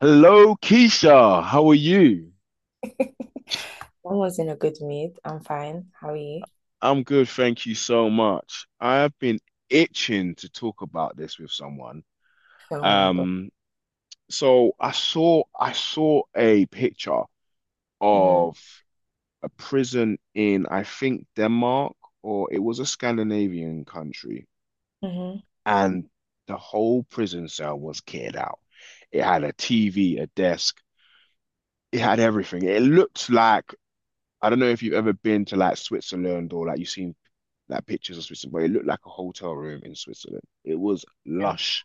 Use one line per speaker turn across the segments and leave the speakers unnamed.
Hello, Keisha. How are you?
I was in a good mood. I'm fine. How are you?
I'm good, thank you so much. I have been itching to talk about this with someone.
Oh my God.
Um, so I saw a picture
Mm-hmm.
of a prison in I think Denmark or it was a Scandinavian country,
Mm-hmm.
and the whole prison cell was kitted out. It had a TV, a desk, it had everything. It looked like I don't know if you've ever been to like Switzerland or like you've seen like pictures of Switzerland, but it looked like a hotel room in Switzerland. It was
Yeah.
lush.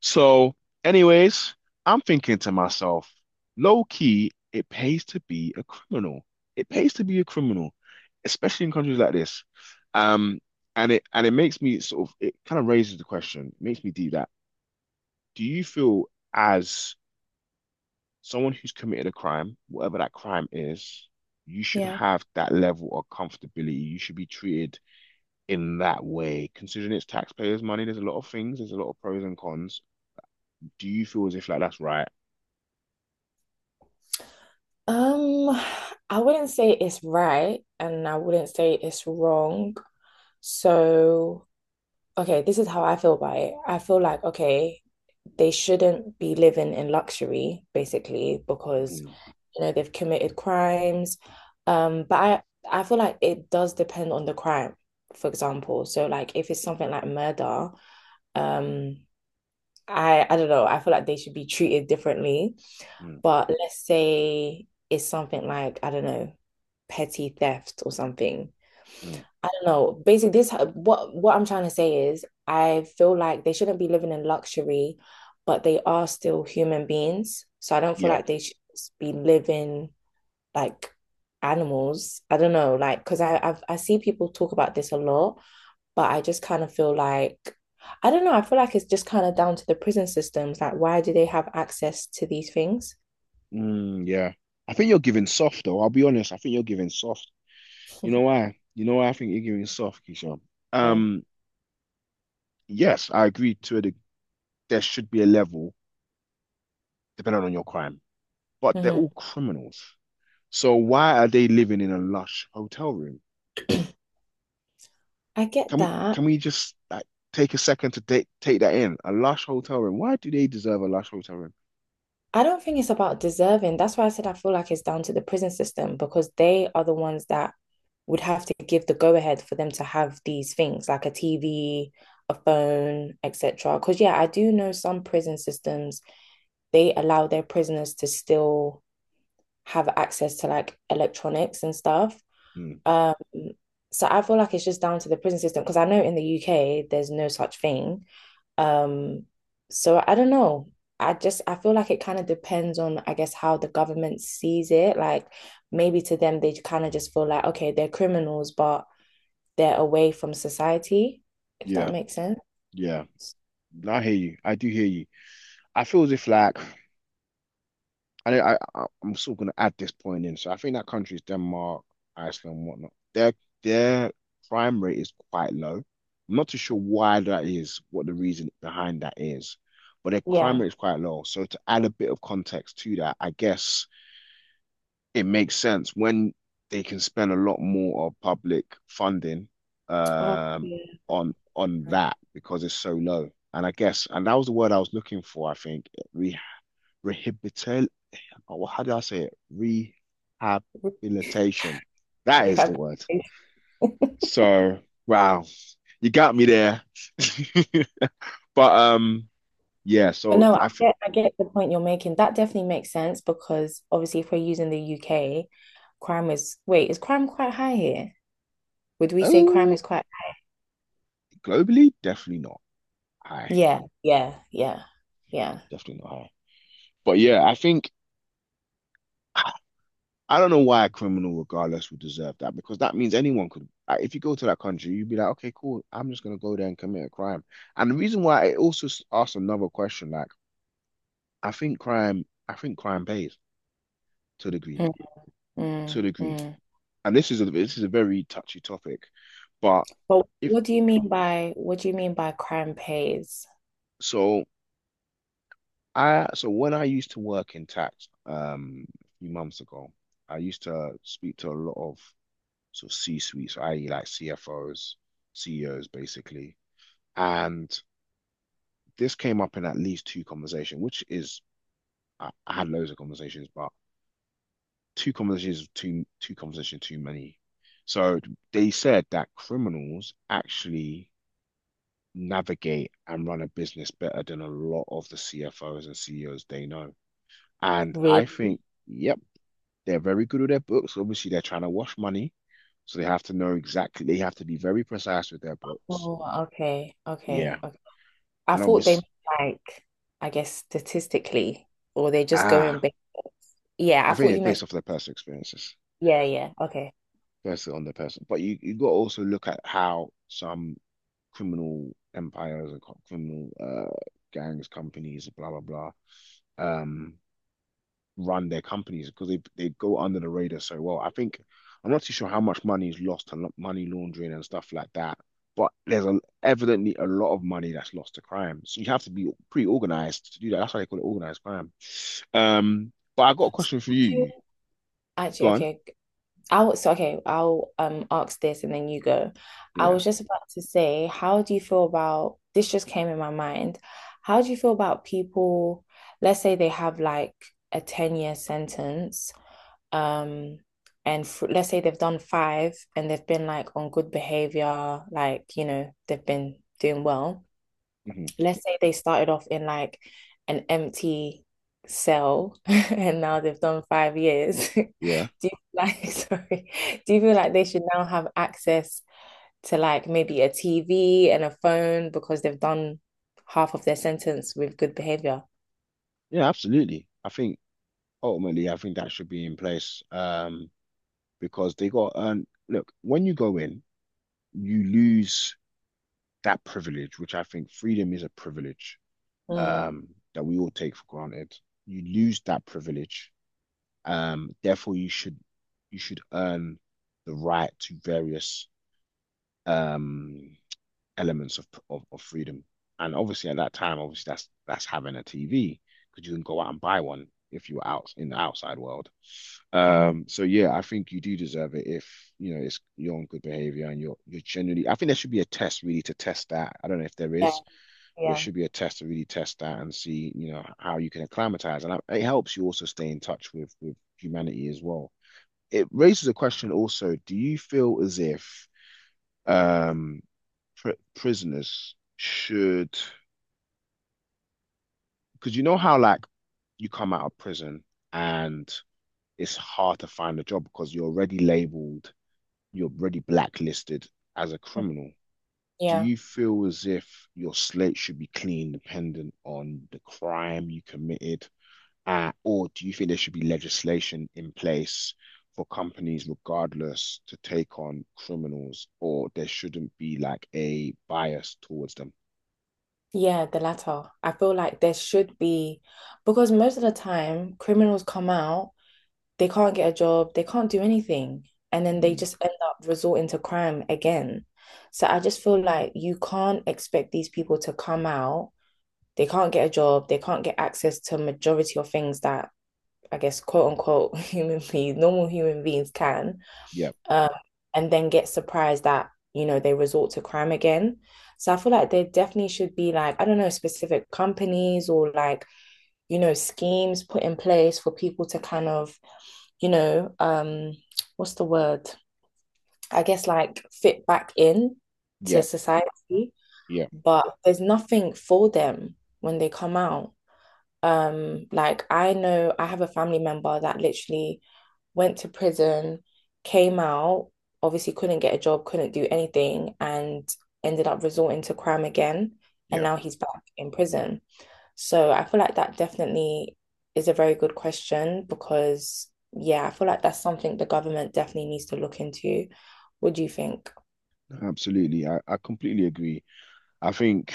So, anyways, I'm thinking to myself, low key, it pays to be a criminal. It pays to be a criminal, especially in countries like this. Um, and it makes me sort of it kind of raises the question, makes me do that. Do you feel as someone who's committed a crime, whatever that crime is, you should
Yeah.
have that level of comfortability. You should be treated in that way, considering it's taxpayers' money, there's a lot of things, there's a lot of pros and cons. Do you feel as if like that's right?
Um, I wouldn't say it's right and I wouldn't say it's wrong. So, okay, this is how I feel about it. I feel like, okay, they shouldn't be living in luxury, basically, because,
Mm,
they've committed crimes. Um, but I, I feel like it does depend on the crime, for example. So, like, if it's something like murder, um, I don't know. I feel like they should be treated differently.
mm,
But let's say it's something like, I don't know, petty theft or something.
mm.
I don't know. Basically, this what I'm trying to say is I feel like they shouldn't be living in luxury, but they are still human beings. So I don't feel
Yeah.
like they should be living like animals. I don't know, like because I see people talk about this a lot, but I just kind of feel like, I don't know, I feel like it's just kind of down to the prison systems. Like, why do they have access to these things?
Mm, yeah. I think you're giving soft though. I'll be honest. I think you're giving soft. You know why? You know why I think you're giving soft, Keisha?
Right.
Um, yes, I agree to it. There should be a level depending on your crime, but they're
Mhm.
all criminals. So why are they living in a lush hotel room?
I get
Can
that.
can we just like take a second to take that in? A lush hotel room. Why do they deserve a lush hotel room?
I don't think it's about deserving. That's why I said I feel like it's down to the prison system because they are the ones that would have to give the go ahead for them to have these things like a TV, a phone, etc. Because, yeah, I do know some prison systems, they allow their prisoners to still have access to like electronics and stuff.
Hmm.
Um, so I feel like it's just down to the prison system because I know in the UK there's no such thing. Um, so I don't know. I just I feel like it kind of depends on, I guess, how the government sees it. Like maybe to them they kind of just feel like, okay, they're criminals, but they're away from society, if that
Yeah,
makes sense.
yeah. No, I hear you. I do hear you. I feel as if like I know I'm still gonna add this point in. So I think that countries Denmark, Iceland, whatnot. Their crime rate is quite low. I'm not too sure why that is, what the reason behind that is, but their crime
Yeah.
rate is quite low. So to add a bit of context to that, I guess it makes sense when they can spend a lot more of public funding
Oh,
um
yeah.
on that because it's so low. And I guess, and that was the word I was looking for, I think. Re Rehabilitation. Or how do I say it? Rehabilitation. That is the
Have
word. So, wow, you got me there. But Yeah,
But
so
no, I
I think
get I get the point you're making. That definitely makes sense because obviously if we're using the UK, crime is wait, is crime quite high here? Would we say crime
oh
is quite
globally, definitely not high.
yeah, yeah, yeah, yeah.
Definitely not high. But yeah, I think I don't know why a criminal, regardless, would deserve that because that means anyone could. If you go to that country, you'd be like, okay, cool. I'm just gonna go there and commit a crime. And the reason why it also asks another question, like I think crime pays to a degree,
Mm,
to a
mm,
degree.
mm.
And this is a very touchy topic, but
But
if
what do you mean by crime pays?
so, I so when I used to work in tax, a few months ago, I used to speak to a lot of sort of C-suites, i.e., like CFOs, CEOs, basically, and this came up in at least two conversation, which is I had loads of conversations, but two conversations too many. So they said that criminals actually navigate and run a business better than a lot of the CFOs and CEOs they know. And
Really?
I think, yep, they're very good with their books. Obviously, they're trying to wash money, so they have to know exactly. They have to be very precise with their books.
Oh, okay, okay,
Yeah,
okay. I
and
thought they
obviously,
meant like I guess statistically, or they just go in
ah,
big. Yeah, I
I
thought
think it's
you meant
based off their personal experiences.
yeah, yeah, okay.
Firstly on the person, but you got to also look at how some criminal empires and co- criminal gangs, companies, blah blah blah, um, run their companies because they go under the radar so well. I think I'm not too sure how much money is lost and money laundering and stuff like that, but there's a, evidently a lot of money that's lost to crime. So you have to be pretty organized to do that. That's why they call it organized crime. But I got a
So
question for
do you-
you.
Actually,
Go on.
okay. I'll ask this and then you go. I
Yeah.
was just about to say, how do you feel about this just came in my mind. How do you feel about people, let's say they have like a 10-year sentence, um, and f let's say they've done five and they've been like on good behavior, like, you know, they've been doing well
hmm
let's say they started off in like an empty cell and now they've done 5 years. Do
Yeah.
you like, sorry, do you feel like they should now have access to like maybe a TV and a phone because they've done half of their sentence with good behavior?
Yeah, absolutely. I think ultimately, I think that should be in place because they got to earn. Look, when you go in, you lose that privilege, which I think freedom is a privilege
Mm.
um, that we all take for granted. You lose that privilege, therefore you should earn the right to various um, elements of, of freedom. And obviously, at that time, obviously that's having a TV because you can go out and buy one if you're out in the outside world.
Mhm.
So yeah, I think you do deserve it if you know it's you're on good behavior and you're genuinely. I think there should be a test really to test that. I don't know if there
Yeah,
is, but there
yeah,
should be a test to really test that and see you know how you can acclimatize. And it helps you also stay in touch with humanity as well. It raises a question also: do you feel as if um pr prisoners should? Because you know how like you come out of prison and it's hard to find a job because you're already labeled you're already blacklisted as a criminal. Do
yeah.
you feel as if your slate should be clean, dependent on the crime you committed, or do you think there should be legislation in place for companies, regardless, to take on criminals, or there shouldn't be like a bias towards them?
Yeah, the latter. I feel like there should be, because most of the time, criminals come out, they can't get a job, they can't do anything, and then they
Mm,
just end up resorting to crime again. So I just feel like you can't expect these people to come out, they can't get a job, they can't get access to majority of things that I guess quote unquote human beings, normal human beings can
yeah,
um, and then get surprised that, you know, they resort to crime again. So I feel like there definitely should be like, I don't know, specific companies or like, you know, schemes put in place for people to kind of, you know, what's the word? I guess like fit back in to
yeah,
society,
yeah,
but there's nothing for them when they come out. Like I know I have a family member that literally went to prison, came out, obviously couldn't get a job, couldn't do anything, and ended up resorting to crime again. And
yeah.
now he's back in prison. So I feel like that definitely is a very good question because, yeah, I feel like that's something the government definitely needs to look into. What do you think?
Absolutely. I completely agree. I think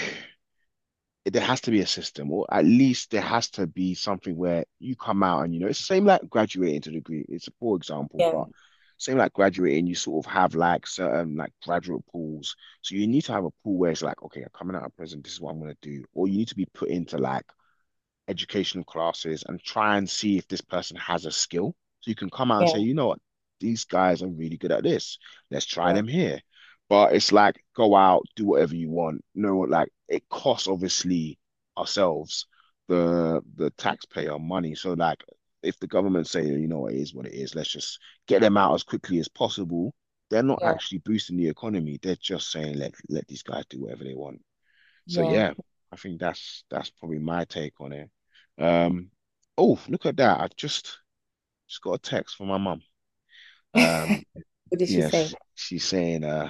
there has to be a system, or at least there has to be something where you come out and, you know, it's the same like graduating to degree. It's a poor example,
Yeah,
but same like graduating, you sort of have like certain like graduate pools. So you need to have a pool where it's like, okay, I'm coming out of prison, this is what I'm going to do. Or you need to be put into like educational classes and try and see if this person has a skill. So you can come out and say,
yeah,
you know what, these guys are really good at this. Let's try
yeah,
them here. But it's like go out, do whatever you want. No, like it costs obviously ourselves the taxpayer money. So like if the government say, you know it is what it is, let's just get them out as quickly as possible. They're not
yeah,
actually boosting the economy. They're just saying let these guys do whatever they want. So
yeah.
yeah, I think that's probably my take on it. Um, oh, look at that. I just got a text from my mum. Um,
What did she say?
yes, she's saying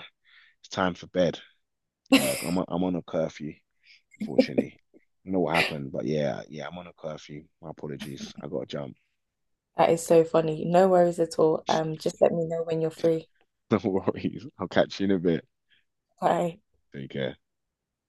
it's time for bed. You know, I'm on a curfew, unfortunately. I don't know what happened, but I'm on a curfew. My apologies. I gotta jump.
That is so funny. No worries at all. Just let me know when you're free.
No worries. I'll catch you in a bit.
Bye.
Take care.